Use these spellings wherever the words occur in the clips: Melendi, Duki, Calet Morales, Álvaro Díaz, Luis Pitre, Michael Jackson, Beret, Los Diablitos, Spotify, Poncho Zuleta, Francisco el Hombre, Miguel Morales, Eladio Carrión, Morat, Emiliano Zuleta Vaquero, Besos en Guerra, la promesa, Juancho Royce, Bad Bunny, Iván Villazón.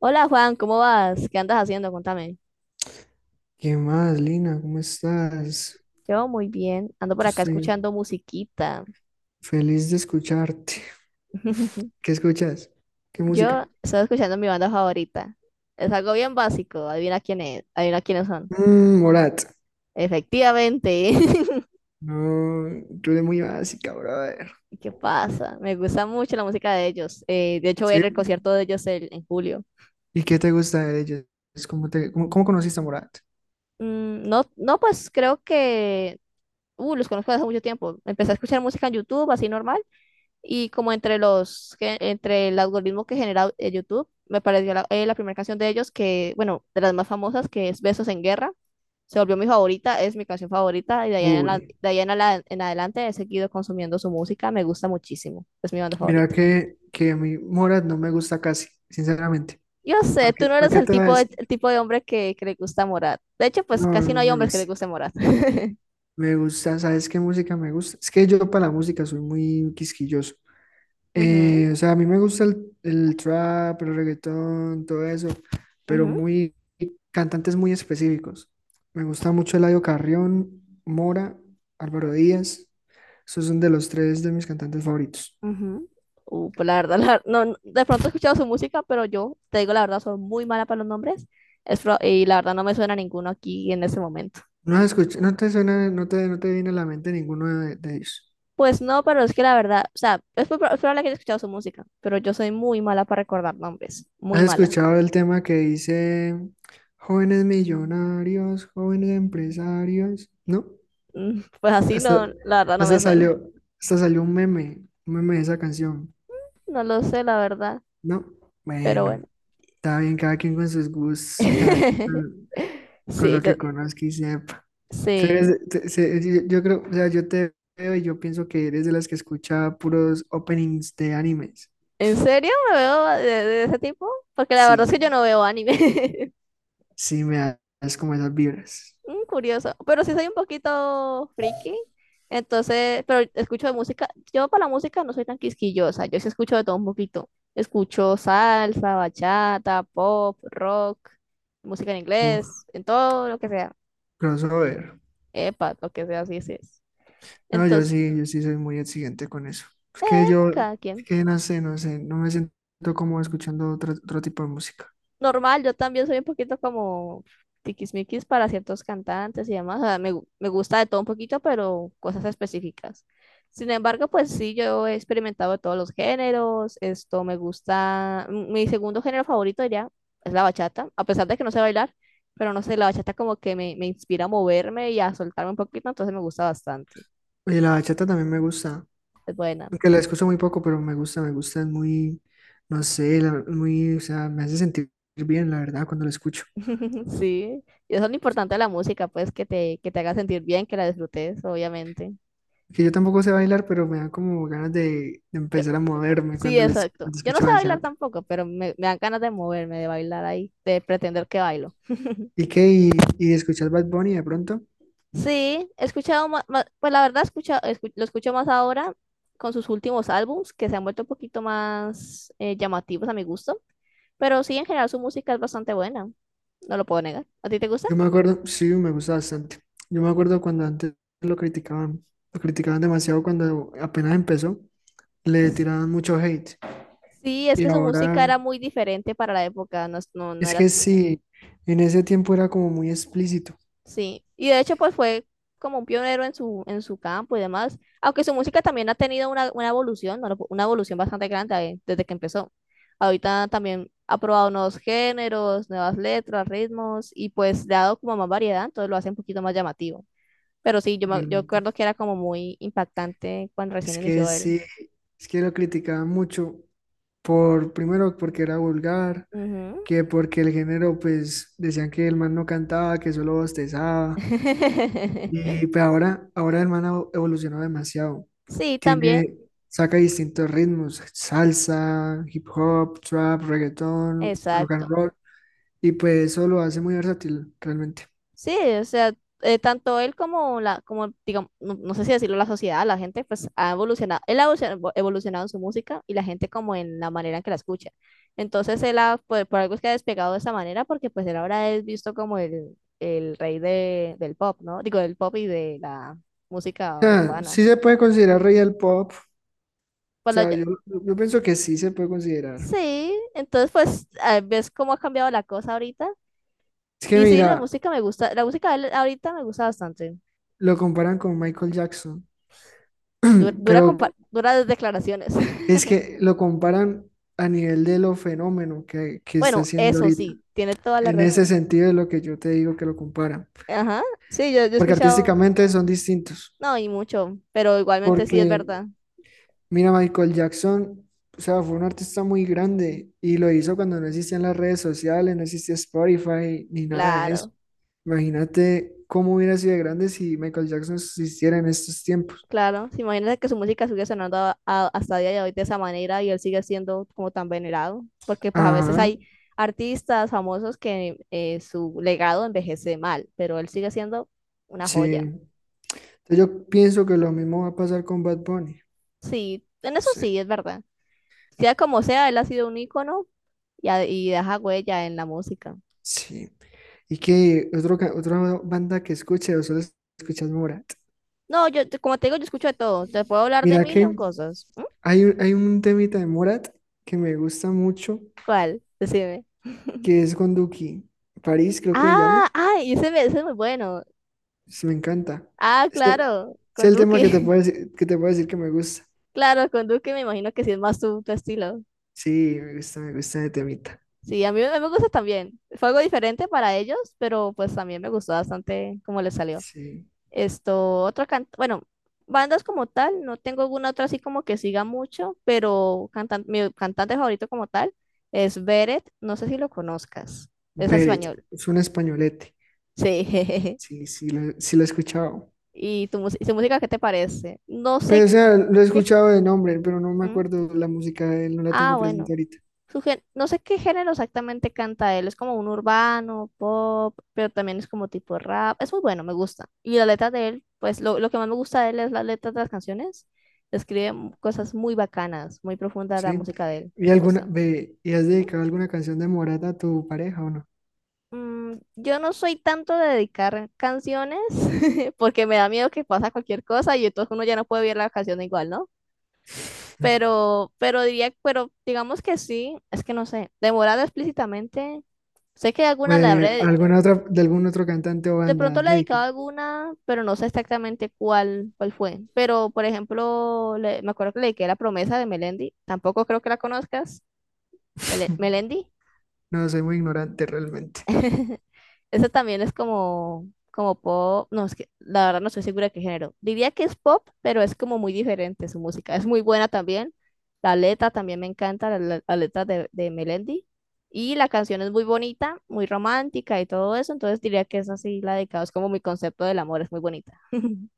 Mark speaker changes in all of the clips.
Speaker 1: Hola Juan, ¿cómo vas? ¿Qué andas haciendo? Contame.
Speaker 2: ¿Qué más, Lina? ¿Cómo estás?
Speaker 1: Yo muy bien, ando por
Speaker 2: Yo
Speaker 1: acá
Speaker 2: estoy
Speaker 1: escuchando musiquita.
Speaker 2: feliz de escucharte. ¿Qué escuchas? ¿Qué música?
Speaker 1: Yo estoy escuchando mi banda favorita. Es algo bien básico, adivina quién es, adivina quiénes son.
Speaker 2: Mm, Morat.
Speaker 1: Efectivamente.
Speaker 2: No, tú eres muy básica, brother.
Speaker 1: ¿Qué pasa? Me gusta mucho la música de ellos. De hecho, voy a
Speaker 2: ¿Sí?
Speaker 1: ir al concierto de ellos en julio.
Speaker 2: ¿Y qué te gusta de ellos? ¿Cómo cómo conociste a Morat?
Speaker 1: Mm, no, no, pues creo que... Los conozco desde hace mucho tiempo. Empecé a escuchar música en YouTube, así normal. Y como entre entre el algoritmo que genera YouTube, me pareció la primera canción de ellos que, bueno, de las más famosas, que es Besos en Guerra. Se volvió mi favorita, es mi canción favorita y
Speaker 2: Uy,
Speaker 1: de ahí en adelante he seguido consumiendo su música, me gusta muchísimo, es mi banda
Speaker 2: mira
Speaker 1: favorita.
Speaker 2: que a mí Morat no me gusta casi, sinceramente.
Speaker 1: Yo sé,
Speaker 2: ¿Para qué,
Speaker 1: tú no
Speaker 2: para
Speaker 1: eres
Speaker 2: qué te voy a decir?
Speaker 1: el tipo de hombre que le gusta Morat. De hecho, pues
Speaker 2: No, no
Speaker 1: casi no
Speaker 2: no
Speaker 1: hay
Speaker 2: me
Speaker 1: hombres que le
Speaker 2: gusta.
Speaker 1: guste Morat.
Speaker 2: Me gusta, ¿sabes qué música me gusta? Es que yo para la música soy muy quisquilloso.
Speaker 1: Ujú,
Speaker 2: O sea, a mí me gusta el trap, el reggaetón, todo eso, pero
Speaker 1: ujú.
Speaker 2: muy cantantes muy específicos. Me gusta mucho Eladio Carrión, Mora, Álvaro Díaz. Esos son de los tres de mis cantantes favoritos.
Speaker 1: Ujú. Pues la verdad, no, no, de pronto he escuchado su música, pero yo, te digo la verdad, soy muy mala para los nombres y la verdad no me suena ninguno aquí en ese momento.
Speaker 2: No has escuchado, no te suena, no te viene a la mente ninguno de ellos.
Speaker 1: Pues no, pero es que la verdad, o sea, es probable que haya escuchado su música, pero yo soy muy mala para recordar nombres, muy
Speaker 2: ¿Has
Speaker 1: mala.
Speaker 2: escuchado el tema que dice jóvenes millonarios, jóvenes empresarios? ¿No?
Speaker 1: Mm. Pues así
Speaker 2: Hasta,
Speaker 1: no, la verdad no
Speaker 2: hasta
Speaker 1: me suena.
Speaker 2: salió, hasta salió un meme de esa canción.
Speaker 1: No lo sé, la verdad,
Speaker 2: No,
Speaker 1: pero
Speaker 2: bueno,
Speaker 1: bueno.
Speaker 2: está bien, cada quien con sus gustos, cada quien con
Speaker 1: Sí,
Speaker 2: lo
Speaker 1: yo,
Speaker 2: que conozca y sepa. Tú eres
Speaker 1: sí.
Speaker 2: yo creo, o sea, yo te veo y yo pienso que eres de las que escucha puros openings de animes.
Speaker 1: ¿En serio me veo de ese tipo? Porque la verdad es que yo
Speaker 2: Sí,
Speaker 1: no veo anime.
Speaker 2: sí, me das como esas vibras.
Speaker 1: Mm, curioso, pero sí soy un poquito friki, entonces, pero escucho de música, yo para la música no soy tan quisquillosa, yo sí escucho de todo un poquito, escucho salsa, bachata, pop, rock, música en
Speaker 2: Uf,
Speaker 1: inglés, en todo lo que sea,
Speaker 2: crossover.
Speaker 1: epa, lo que sea, así es.
Speaker 2: No, yo
Speaker 1: Entonces,
Speaker 2: sí, yo sí soy muy exigente con eso. Es que
Speaker 1: eh,
Speaker 2: yo,
Speaker 1: cada
Speaker 2: es
Speaker 1: quien.
Speaker 2: que no sé, no me siento como escuchando otro tipo de música.
Speaker 1: Normal, yo también soy un poquito como tiquismiquis para ciertos cantantes y demás. O sea, me gusta de todo un poquito, pero cosas específicas. Sin embargo, pues sí, yo he experimentado de todos los géneros. Esto me gusta. Mi segundo género favorito diría es la bachata, a pesar de que no sé bailar, pero no sé, la bachata como que me inspira a moverme y a soltarme un poquito, entonces me gusta bastante.
Speaker 2: Y la bachata también me gusta.
Speaker 1: Es buena.
Speaker 2: Aunque la escucho muy poco, pero me gusta, es muy, no sé, muy, o sea, me hace sentir bien, la verdad, cuando la escucho.
Speaker 1: Sí. Y eso es lo importante de la música, pues que que te haga sentir bien, que la disfrutes, obviamente.
Speaker 2: Que yo tampoco sé bailar, pero me da como ganas de empezar a moverme
Speaker 1: Sí,
Speaker 2: cuando les
Speaker 1: exacto.
Speaker 2: cuando
Speaker 1: Yo no
Speaker 2: escucho
Speaker 1: sé bailar
Speaker 2: bachata.
Speaker 1: tampoco, pero me dan ganas de moverme, de bailar ahí, de pretender que bailo.
Speaker 2: ¿Y qué? Y escuchar Bad Bunny de pronto?
Speaker 1: Sí, he escuchado más, pues la verdad lo escucho más ahora con sus últimos álbums, que se han vuelto un poquito más llamativos a mi gusto, pero sí, en general su música es bastante buena, no lo puedo negar. ¿A ti te gusta?
Speaker 2: Yo me acuerdo, sí, me gusta bastante. Yo me acuerdo cuando antes lo criticaban, lo criticaban demasiado cuando apenas empezó, le tiraban mucho hate.
Speaker 1: Sí, es
Speaker 2: Y
Speaker 1: que su música
Speaker 2: ahora,
Speaker 1: era muy diferente para la época, no, no, no
Speaker 2: es
Speaker 1: era.
Speaker 2: que sí, en ese tiempo era como muy explícito,
Speaker 1: Sí, y de hecho pues fue como un pionero en su campo y demás, aunque su música también ha tenido una evolución, ¿no? Una evolución bastante grande desde que empezó. Ahorita también ha probado nuevos géneros, nuevas letras, ritmos y pues le ha dado como más variedad, entonces lo hace un poquito más llamativo. Pero sí, yo
Speaker 2: realmente.
Speaker 1: recuerdo que era como muy impactante cuando recién
Speaker 2: Es que
Speaker 1: inició él.
Speaker 2: sí, es que lo criticaban mucho por, primero porque era vulgar,
Speaker 1: Ujú.
Speaker 2: que porque el género, pues decían que el man no cantaba, que solo bostezaba. Y pues ahora, ahora el man ha evolucionado demasiado.
Speaker 1: Sí, también,
Speaker 2: Tiene, saca distintos ritmos, salsa, hip hop, trap, reggaetón, rock and
Speaker 1: exacto.
Speaker 2: roll. Y pues eso lo hace muy versátil, realmente.
Speaker 1: Sí, o sea, tanto él como digamos, no, no sé si decirlo, la sociedad, la gente, pues ha evolucionado, él ha evolucionado en su música y la gente como en la manera en que la escucha. Entonces él ha, pues, por algo es que ha despegado de esa manera, porque pues él ahora es visto como el rey del pop, ¿no? Digo, del pop y de la
Speaker 2: O
Speaker 1: música
Speaker 2: sea,
Speaker 1: urbana.
Speaker 2: sí se puede considerar rey del pop. O
Speaker 1: Pues la-
Speaker 2: sea, yo pienso que sí se puede considerar.
Speaker 1: sí, entonces pues ah, ves cómo ha cambiado la cosa ahorita.
Speaker 2: Es que
Speaker 1: Y sí, la
Speaker 2: mira,
Speaker 1: música me gusta, la música de él ahorita me gusta bastante.
Speaker 2: lo comparan con Michael Jackson,
Speaker 1: Dura, dura,
Speaker 2: pero
Speaker 1: duras declaraciones.
Speaker 2: es que lo comparan a nivel de lo fenómeno que está
Speaker 1: Bueno,
Speaker 2: haciendo
Speaker 1: eso
Speaker 2: ahorita.
Speaker 1: sí, tiene toda la
Speaker 2: En ese
Speaker 1: razón.
Speaker 2: sentido es lo que yo te digo que lo comparan,
Speaker 1: Ajá, sí, yo he
Speaker 2: porque
Speaker 1: escuchado,
Speaker 2: artísticamente son distintos,
Speaker 1: no, y mucho, pero igualmente sí
Speaker 2: porque
Speaker 1: es verdad.
Speaker 2: mira, Michael Jackson, o sea, fue un artista muy grande y lo hizo cuando no existían las redes sociales, no existía Spotify ni nada de eso.
Speaker 1: Claro,
Speaker 2: Imagínate cómo hubiera sido de grande si Michael Jackson existiera en estos tiempos.
Speaker 1: claro. Sí, imagínate que su música sigue sonando hasta día de hoy de esa manera y él sigue siendo como tan venerado, porque pues a veces
Speaker 2: Ajá,
Speaker 1: hay artistas famosos que su legado envejece mal, pero él sigue siendo una
Speaker 2: sí.
Speaker 1: joya.
Speaker 2: Entonces, yo pienso que lo mismo va a pasar con Bad Bunny.
Speaker 1: Sí, en eso sí
Speaker 2: Sí,
Speaker 1: es verdad. Sea como sea, él ha sido un ícono y, y deja huella en la música.
Speaker 2: sí. Y que otra banda que escuche o solo escuchas Morat.
Speaker 1: No, como te digo, yo escucho de todo. Te puedo hablar de
Speaker 2: Mira
Speaker 1: mil y un
Speaker 2: que
Speaker 1: cosas. ¿Mm?
Speaker 2: hay un temita de Morat que me gusta mucho,
Speaker 1: ¿Cuál? Decime.
Speaker 2: que es con Duki. París, creo que se llama.
Speaker 1: Ah, ay, ese es muy bueno.
Speaker 2: Sí, me encanta.
Speaker 1: Ah,
Speaker 2: Este,
Speaker 1: claro,
Speaker 2: es
Speaker 1: con
Speaker 2: el tema que te
Speaker 1: Duque.
Speaker 2: puedo decir, que te puedo decir que me gusta.
Speaker 1: Claro, con Duque me imagino que sí es más tu estilo.
Speaker 2: Sí, me gusta de temita.
Speaker 1: Sí, a mí me gusta también. Fue algo diferente para ellos, pero pues también me gustó bastante cómo les salió.
Speaker 2: Sí.
Speaker 1: Esto, bueno, bandas como tal, no tengo alguna otra así como que siga mucho, pero mi cantante favorito como tal es Beret, no sé si lo conozcas, es
Speaker 2: Beret,
Speaker 1: español.
Speaker 2: es un españolete.
Speaker 1: Sí.
Speaker 2: Sí, sí, sí lo he escuchado,
Speaker 1: ¿Y y su música qué te parece? No
Speaker 2: pero
Speaker 1: sé
Speaker 2: o sea, lo he
Speaker 1: qué...
Speaker 2: escuchado de nombre, pero no me
Speaker 1: ¿Mm?
Speaker 2: acuerdo la música de él, no la
Speaker 1: Ah,
Speaker 2: tengo
Speaker 1: bueno.
Speaker 2: presente ahorita.
Speaker 1: No sé qué género exactamente canta él. Es como un urbano, pop, pero también es como tipo rap. Es muy bueno, me gusta. Y la letra de él, pues lo que más me gusta de él es las letras de las canciones. Escribe cosas muy bacanas, muy profunda la
Speaker 2: ¿Sí?
Speaker 1: música de él.
Speaker 2: ¿Y
Speaker 1: Me
Speaker 2: alguna,
Speaker 1: gusta.
Speaker 2: ve, y has dedicado alguna canción de Morata a tu pareja o no?
Speaker 1: Mm, yo no soy tanto de dedicar canciones porque me da miedo que pasa cualquier cosa y entonces uno ya no puede ver la canción igual, ¿no? Pero diría, pero digamos que sí, es que no sé, demorada explícitamente, sé que alguna le habré,
Speaker 2: ¿Alguna otra, de algún otro cantante o
Speaker 1: de
Speaker 2: banda
Speaker 1: pronto
Speaker 2: has
Speaker 1: le he dedicado
Speaker 2: dedicado?
Speaker 1: alguna, pero no sé exactamente cuál, cuál fue. Pero, por ejemplo, me acuerdo que le dediqué la promesa de Melendi, tampoco creo que la conozcas, Melendi.
Speaker 2: No, soy muy ignorante realmente.
Speaker 1: Eso también es como, como pop. No, es que la verdad no estoy segura de qué género. Diría que es pop, pero es como muy diferente su música. Es muy buena también. La letra también me encanta, la letra de Melendi. Y la canción es muy bonita, muy romántica y todo eso. Entonces diría que es así la dedicado. Es como mi concepto del amor, es muy bonita.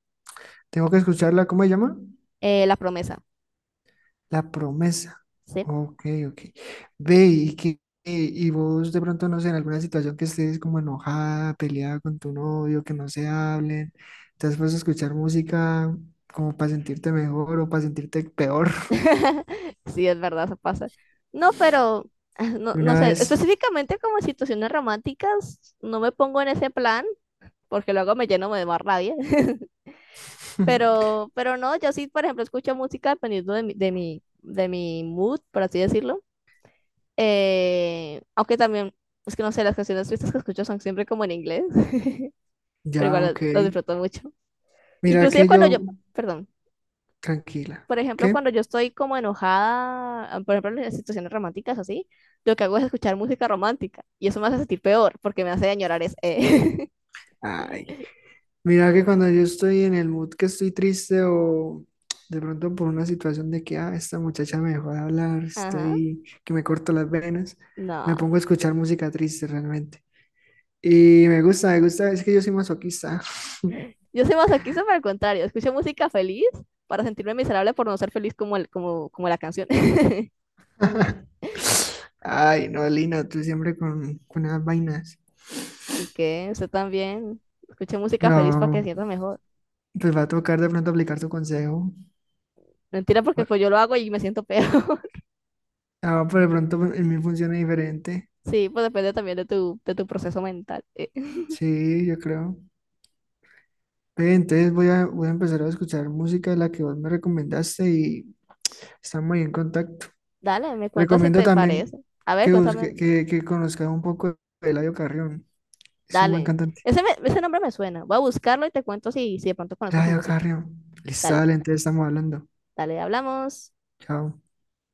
Speaker 2: Tengo que escucharla, ¿cómo se llama?
Speaker 1: La promesa.
Speaker 2: La promesa.
Speaker 1: Sí.
Speaker 2: Ok, ok. Ve y que y vos de pronto no sé, en alguna situación que estés como enojada, peleada con tu novio, que no se hablen, te has puesto a escuchar música como para sentirte mejor o para sentirte peor.
Speaker 1: Sí, es verdad, eso pasa. No, pero no,
Speaker 2: De
Speaker 1: no
Speaker 2: una
Speaker 1: sé,
Speaker 2: vez.
Speaker 1: específicamente como en situaciones románticas, no me pongo en ese plan, porque luego me lleno de más rabia. Pero no, yo sí, por ejemplo, escucho música dependiendo de mi mood, por así decirlo. Aunque también, es que no sé, las canciones tristes que escucho son siempre como en inglés, pero
Speaker 2: Ya,
Speaker 1: igual
Speaker 2: ok.
Speaker 1: los disfruto mucho.
Speaker 2: Mira
Speaker 1: Inclusive
Speaker 2: que yo,
Speaker 1: cuando yo, perdón,
Speaker 2: tranquila.
Speaker 1: por ejemplo,
Speaker 2: ¿Qué?
Speaker 1: cuando yo estoy como enojada, por ejemplo, en las situaciones románticas así, lo que hago es escuchar música romántica y eso me hace sentir peor porque me hace añorar es....
Speaker 2: Ay, mira que cuando yo estoy en el mood que estoy triste o de pronto por una situación de que, ah, esta muchacha me dejó de hablar,
Speaker 1: Ajá,
Speaker 2: estoy que me corto las venas, me
Speaker 1: no.
Speaker 2: pongo a escuchar música triste realmente. Y me gusta, es que yo soy masoquista.
Speaker 1: Yo soy masoquista, pero al contrario, escucho música feliz para sentirme miserable por no ser feliz como, como la canción.
Speaker 2: Ay, no, Lina, tú siempre con esas vainas.
Speaker 1: Y que usted también escuche música feliz para que se
Speaker 2: No,
Speaker 1: sienta mejor.
Speaker 2: pues va a tocar de pronto aplicar tu consejo.
Speaker 1: Mentira, porque pues yo lo hago y me siento peor.
Speaker 2: Ah, pero de pronto pues, en mí funciona diferente.
Speaker 1: Sí, pues depende también de tu proceso mental.
Speaker 2: Sí, yo creo. Ve, entonces voy a, voy a empezar a escuchar música de la que vos me recomendaste y estamos ahí en contacto.
Speaker 1: Dale, me cuentas si
Speaker 2: Recomiendo
Speaker 1: te
Speaker 2: también
Speaker 1: parece. A ver,
Speaker 2: que
Speaker 1: cuéntame.
Speaker 2: que conozca un poco de Eladio Carrión. Es un buen
Speaker 1: Dale.
Speaker 2: cantante.
Speaker 1: Ese nombre me suena. Voy a buscarlo y te cuento si de pronto conozco su
Speaker 2: Eladio
Speaker 1: música.
Speaker 2: Carrión. Listo,
Speaker 1: Dale,
Speaker 2: dale, entonces estamos hablando.
Speaker 1: dale, hablamos.
Speaker 2: Chao.